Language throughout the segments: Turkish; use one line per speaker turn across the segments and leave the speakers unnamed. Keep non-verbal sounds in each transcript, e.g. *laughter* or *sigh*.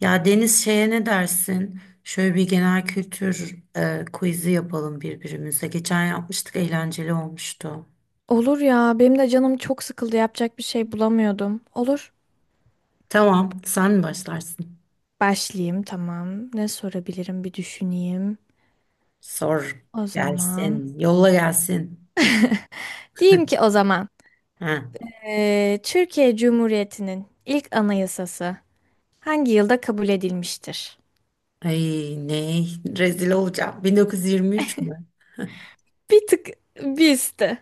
Ya Deniz şeye ne dersin? Şöyle bir genel kültür quiz'i yapalım birbirimize. Geçen yapmıştık, eğlenceli olmuştu.
Olur ya, benim de canım çok sıkıldı. Yapacak bir şey bulamıyordum. Olur.
Tamam, sen mi başlarsın?
Başlayayım tamam. Ne sorabilirim bir düşüneyim.
Sor
O zaman.
gelsin, yolla gelsin.
Diyeyim ki
*laughs*
o zaman.
Ha.
Türkiye Cumhuriyeti'nin ilk anayasası hangi yılda kabul edilmiştir?
Ay ne rezil olacağım. 1923 mü?
Bir tık bir üstü.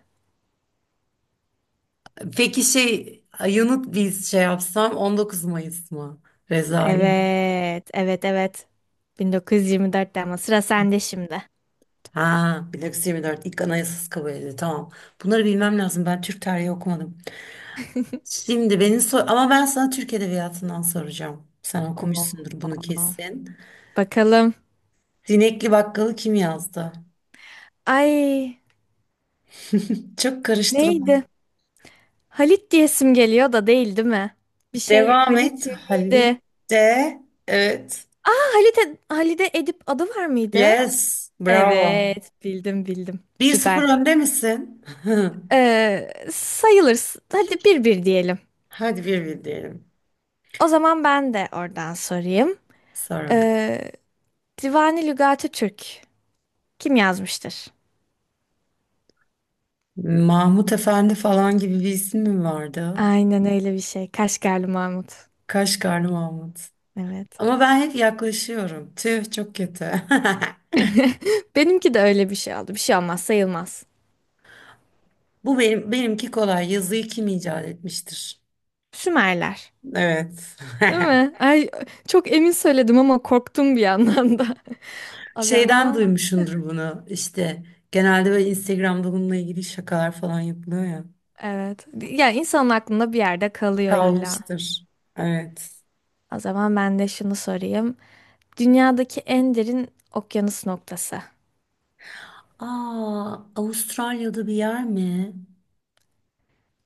Peki şey yanıt biz şey yapsam 19 Mayıs mı? Rezalim.
Evet, evet, evet. 1924'te ama sıra sende şimdi.
Ha 1924 ilk anayasası kabul edildi. Tamam. Bunları bilmem lazım. Ben Türk tarihi okumadım. Şimdi beni sor ama ben sana Türk Edebiyatı'ndan soracağım. Sen
Oo.
okumuşsundur bunu kesin.
Bakalım.
Zinekli Bakkalı kim yazdı?
Ay,
Çok karıştırılan.
neydi? Halit diyesim geliyor da değil değil mi? Bir şey
Devam
Halit
et. Halit
miydi?
de. Evet.
Ha, Halit Halide Edip adı var mıydı?
Yes. Bravo.
Evet, bildim.
1-0
Süper.
önde misin?
Sayılır. Hadi bir bir diyelim.
*laughs* Hadi 1-1 diyelim.
O zaman ben de oradan sorayım.
Sor bakalım.
Ee, Divani Lügati Türk kim yazmıştır?
Mahmut Efendi falan gibi bir isim mi vardı?
Aynen öyle bir şey. Kaşgarlı Mahmut.
Kaşgarlı Mahmut.
Evet.
Ama ben hep yaklaşıyorum. Tüh çok kötü. *laughs*
*laughs* Benimki de öyle bir şey oldu. Bir şey olmaz, sayılmaz.
Bu benimki kolay. Yazıyı kim icat etmiştir?
Sümerler.
Evet.
Değil mi? Ay, çok emin söyledim ama korktum bir yandan da.
*laughs*
*laughs* O
Şeyden
zaman
duymuşsundur bunu. İşte genelde böyle Instagram'da bununla ilgili şakalar falan yapılıyor ya.
evet. Yani insanın aklında bir yerde kalıyor illa.
Kalmıştır. Evet.
O zaman ben de şunu sorayım. Dünyadaki en derin okyanus noktası.
Aa, Avustralya'da bir yer mi?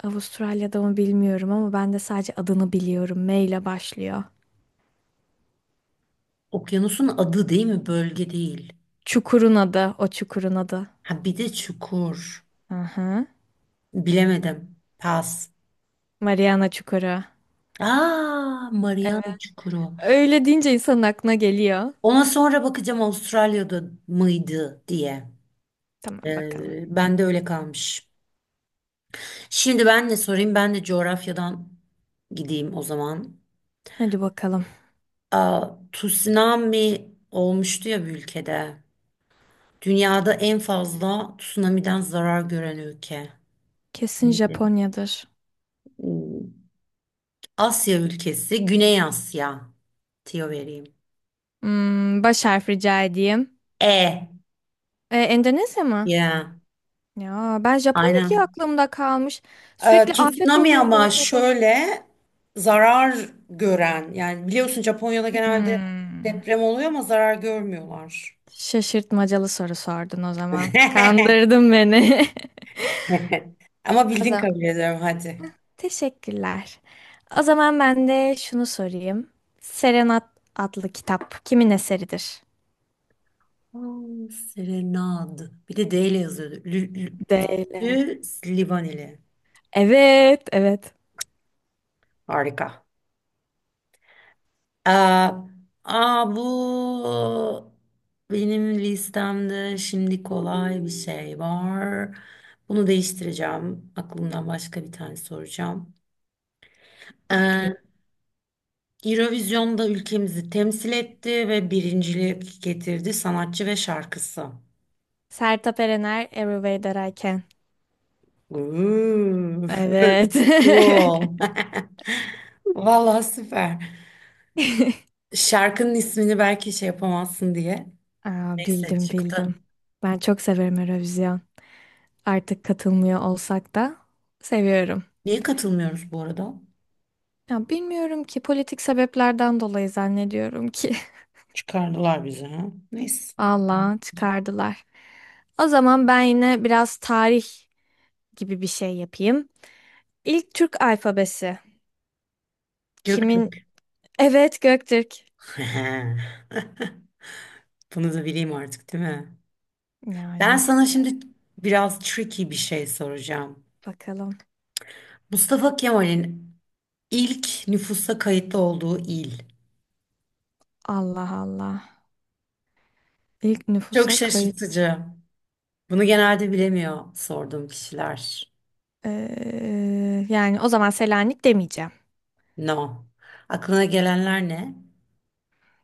Avustralya'da mı bilmiyorum ama ben de sadece adını biliyorum. M ile başlıyor.
Okyanusun adı değil mi? Bölge değil.
Çukurun adı, o çukurun adı.
Ha bir de çukur.
Aha.
Bilemedim. Pas.
Mariana Çukuru.
Aa, Mariana Çukuru.
Öyle deyince insanın aklına geliyor.
Ona sonra bakacağım Avustralya'da mıydı diye.
Tamam bakalım.
Ben de öyle kalmış. Şimdi ben de sorayım. Ben de coğrafyadan gideyim o zaman.
Hadi bakalım.
Aa, tsunami olmuştu ya bir ülkede. Dünyada en fazla tsunami'den zarar gören ülke.
Kesin
Neydi?
Japonya'dır.
Hmm, Asya ülkesi, Güney Asya. Tiyo vereyim.
Hmm, baş harf rica edeyim.
E.
E, Endonezya mı?
Ya.
Ya ben Japonya diye
Aynen.
aklımda kalmış. Sürekli afet
Tsunami
oluyor
ama
orada da.
şöyle zarar gören. Yani biliyorsun Japonya'da genelde
Hmm.
deprem oluyor ama zarar görmüyorlar.
Şaşırtmacalı soru sordun o zaman.
*laughs*
Kandırdın beni. *laughs*
*laughs* Ama
O
bildin
zaman
kabul ediyorum hadi.
teşekkürler. O zaman ben de şunu sorayım. Serenat adlı kitap kimin eseridir?
Serenad. Bir de D ile yazıyordu.
Değil.
Livaneli.
Evet, evet.
Harika. Aa, aa, bu benim listemde şimdi kolay bir şey var. Bunu değiştireceğim. Aklımdan başka bir tane soracağım. Ee,
Bekliyorum.
Eurovision'da ülkemizi temsil etti ve birincilik getirdi sanatçı ve şarkısı.
Sertab Erener, Every Way That I Can.
Uuu.
Evet.
*laughs*
*laughs*
Cool. *laughs* Vallahi süper. Şarkının ismini belki şey yapamazsın diye.
Aa,
Neyse
bildim
çıktı.
bildim. Ben çok severim Eurovision, artık katılmıyor olsak da seviyorum.
Niye katılmıyoruz bu arada?
Ya bilmiyorum ki, politik sebeplerden dolayı zannediyorum ki.
Çıkardılar bizi ha. Neyse.
*laughs* Vallahi çıkardılar. O zaman ben yine biraz tarih gibi bir şey yapayım. İlk Türk alfabesi. Kimin?
Göktürk.
Evet, Göktürk.
*laughs* Bunu da bileyim artık değil mi? Ben
Yani
sana şimdi biraz tricky bir şey soracağım.
bakalım.
Mustafa Kemal'in ilk nüfusa kayıtlı olduğu il.
Allah Allah. İlk
Çok
nüfusa kayıt.
şaşırtıcı. Bunu genelde bilemiyor sorduğum kişiler.
Yani o zaman Selanik demeyeceğim.
No. Aklına gelenler ne?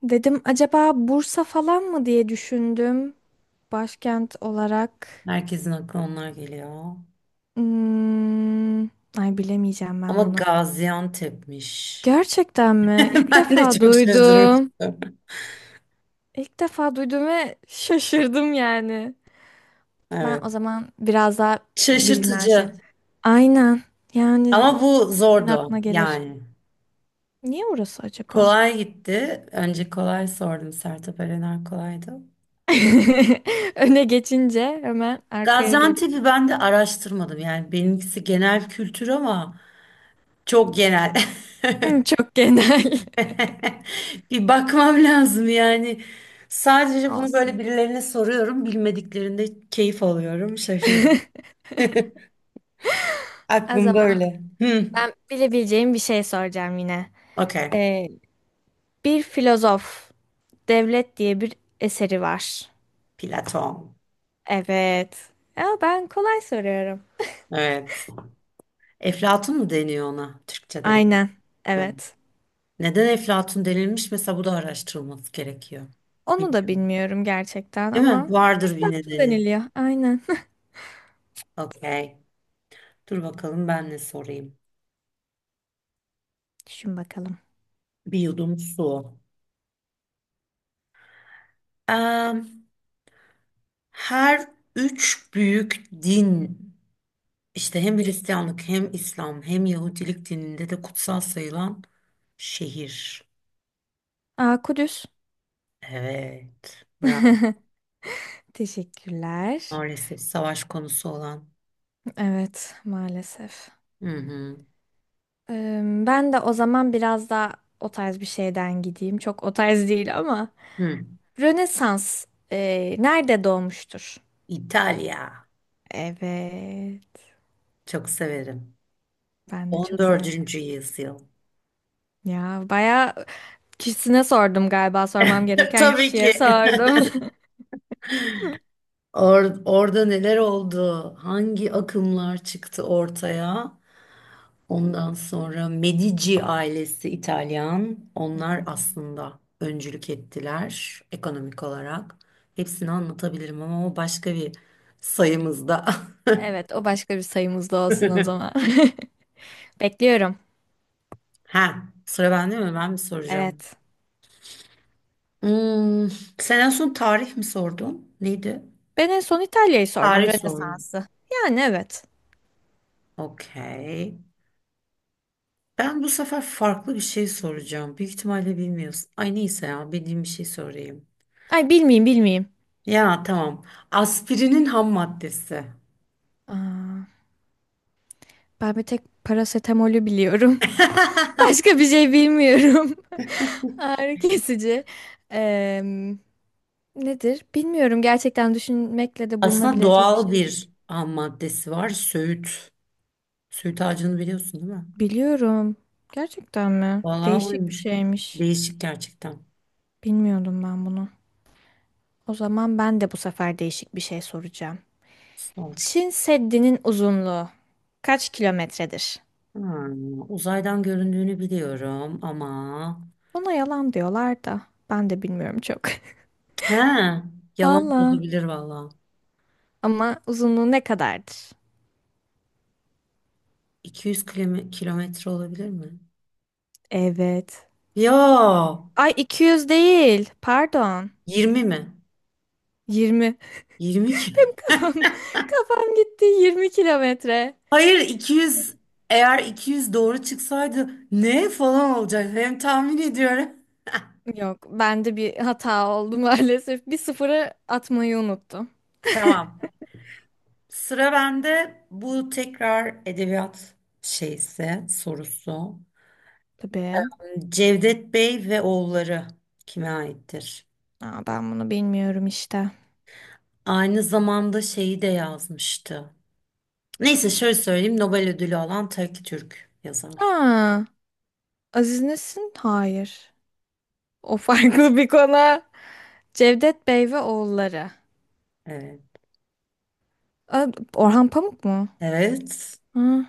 Dedim acaba Bursa falan mı diye düşündüm. Başkent olarak.
Herkesin aklına onlar geliyor.
Hmm, ay bilemeyeceğim
Ama
ben bunu.
Gaziantep'miş.
Gerçekten
*laughs*
mi? İlk
Ben de
defa
çok
duydum.
şaşırmıştım.
İlk defa duydum ve şaşırdım yani. Ben o
Evet.
zaman biraz daha bilinen şey.
Şaşırtıcı.
Aynen. Yani
Ama bu
kimin
zordu
aklına gelir.
yani.
Niye orası acaba?
Kolay gitti. Önce kolay sordum. Sertab Erener kolaydı.
*laughs* Öne geçince hemen arkaya geç.
Gaziantep'i ben de araştırmadım. Yani benimkisi genel kültür ama çok genel.
Hı, çok genel.
*laughs* Bir bakmam lazım yani.
*laughs*
Sadece bunu böyle
Olsun.
birilerine soruyorum. Bilmediklerinde keyif alıyorum. Şaşırdım. *laughs*
O
Aklım
zaman
böyle. Hı.
ben bilebileceğim bir şey soracağım yine.
Okey.
Ee, bir filozof, Devlet diye bir eseri var.
Platon.
Evet. Ya ben kolay soruyorum.
Evet. Eflatun mu deniyor ona? Türkçe'de bir.
Aynen.
Evet.
Evet.
Neden Eflatun denilmiş? Mesela bu da araştırılması gerekiyor.
Onu da
Bilmiyorum.
bilmiyorum gerçekten
Değil mi?
ama
Vardır bir
Eflatun
nedeni.
deniliyor. Aynen.
Okey. Dur bakalım ben ne sorayım.
*laughs* Düşün bakalım.
Bir yudum su. Em, her üç büyük din işte hem Hristiyanlık hem İslam hem Yahudilik dininde de kutsal sayılan şehir.
Aa, Kudüs.
Evet. Bravo.
Teşekkürler.
Maalesef savaş konusu olan.
Evet, maalesef.
Hı hı.
Ee, ben de o zaman biraz daha o tarz bir şeyden gideyim. Çok o tarz değil ama
Hı.
Rönesans nerede doğmuştur?
İtalya.
Evet.
Çok severim.
Ben de
On
çok severim.
dördüncü yüzyıl.
Ya bayağı kişisine sordum galiba. Sormam
*laughs*
gereken
Tabii
kişiye
ki.
sordum. *laughs*
Orada neler oldu? Hangi akımlar çıktı ortaya? Ondan sonra Medici ailesi İtalyan.
Hı
Onlar
hı.
aslında öncülük ettiler ekonomik olarak. Hepsini anlatabilirim ama o başka bir sayımızda. *laughs*
Evet, o başka bir sayımız da olsun o zaman. *laughs* Bekliyorum.
Ha, sıra bende mi? Ben mi soracağım?
Evet.
Hmm, sen en son tarih mi sordun? Neydi?
Ben en son İtalya'yı sordum,
Tarih sordum.
Rönesans'ı. Yani evet.
Okey. Ben bu sefer farklı bir şey soracağım. Büyük ihtimalle bilmiyorsun. Ay neyse ya bildiğim bir şey sorayım.
Ay bilmeyeyim, bilmeyeyim.
Ya tamam. Aspirinin ham maddesi.
Aa, ben bir tek parasetamolü biliyorum. *laughs* Başka bir şey bilmiyorum. *laughs* Ağrı kesici. Em, nedir? Bilmiyorum. Gerçekten düşünmekle de
Aslında
bulunabilecek bir
doğal
şey değil.
bir ham maddesi var. Söğüt. Söğüt ağacını biliyorsun değil mi?
Biliyorum. Gerçekten mi?
Vallahi
Değişik bir
oymuş.
şeymiş.
Değişik gerçekten.
Bilmiyordum ben bunu. O zaman ben de bu sefer değişik bir şey soracağım.
Sor.
Çin Seddi'nin uzunluğu kaç kilometredir?
Uzaydan göründüğünü biliyorum ama.
Buna yalan diyorlar da ben de bilmiyorum çok.
He,
*laughs*
yalan da
Valla.
olabilir vallahi.
Ama uzunluğu ne kadardır?
200 kilometre olabilir mi?
Evet.
Ya
Ay 200 değil. Pardon.
20 mi?
20.
20 ki.
*laughs* Benim kafam gitti. 20 kilometre.
Hayır 200, eğer 200 doğru çıksaydı ne falan olacak hem tahmin ediyorum.
Yok, bende bir hata oldu *laughs* maalesef. Bir sıfırı atmayı unuttum. *laughs*
Tamam. Sıra bende bu tekrar edebiyat şeyse sorusu.
Tabii.
Cevdet Bey ve oğulları kime aittir?
Aa, ben bunu bilmiyorum işte.
Aynı zamanda şeyi de yazmıştı. Neyse şöyle söyleyeyim Nobel ödülü alan tek Türk yazar.
Aa, Aziz Nesin? Hayır. O farklı bir konu. Cevdet Bey ve Oğulları.
Evet.
Aa, Orhan Pamuk mu?
Evet.
Hı.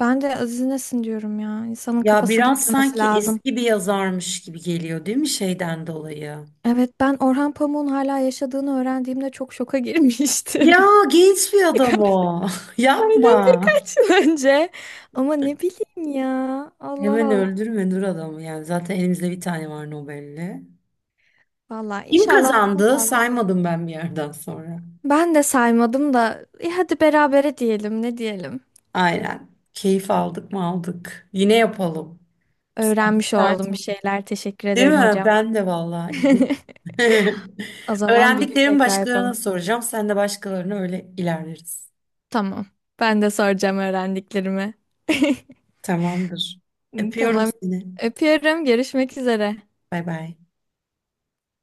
Ben de Aziz Nesin diyorum ya. İnsanın
Ya
kafası
biraz
gitmemesi
sanki
lazım.
eski bir yazarmış gibi geliyor değil mi şeyden dolayı?
Evet, ben Orhan Pamuk'un hala yaşadığını öğrendiğimde çok şoka girmiştim.
Ya genç bir
*laughs*
adam
Birkaç-
o. *laughs*
Aynen,
Yapma.
birkaç yıl önce. Ama ne bileyim ya. Allah
Hemen
Allah.
öldürme dur adamı yani. Zaten elimizde bir tane var Nobel'li.
Valla
Kim
inşallah daha
kazandı?
fazla olur.
Saymadım ben bir yerden sonra.
Ben de saymadım da hadi berabere diyelim ne diyelim.
Aynen. Keyif aldık mı aldık. Yine yapalım. Sen
Öğrenmiş
müsait
oldum bir
misin?
şeyler. Teşekkür
Değil
ederim
mi?
hocam.
Ben de vallahi. İyiyim.
*laughs*
*laughs*
O zaman bir gün
Öğrendiklerimi
tekrar
başkalarına
yapalım.
soracağım. Sen de başkalarına öyle ilerleriz.
Tamam. Ben de soracağım öğrendiklerimi. *laughs*
Tamamdır. Öpüyorum
Tamam.
seni.
Öpüyorum. Görüşmek üzere.
Bay bay.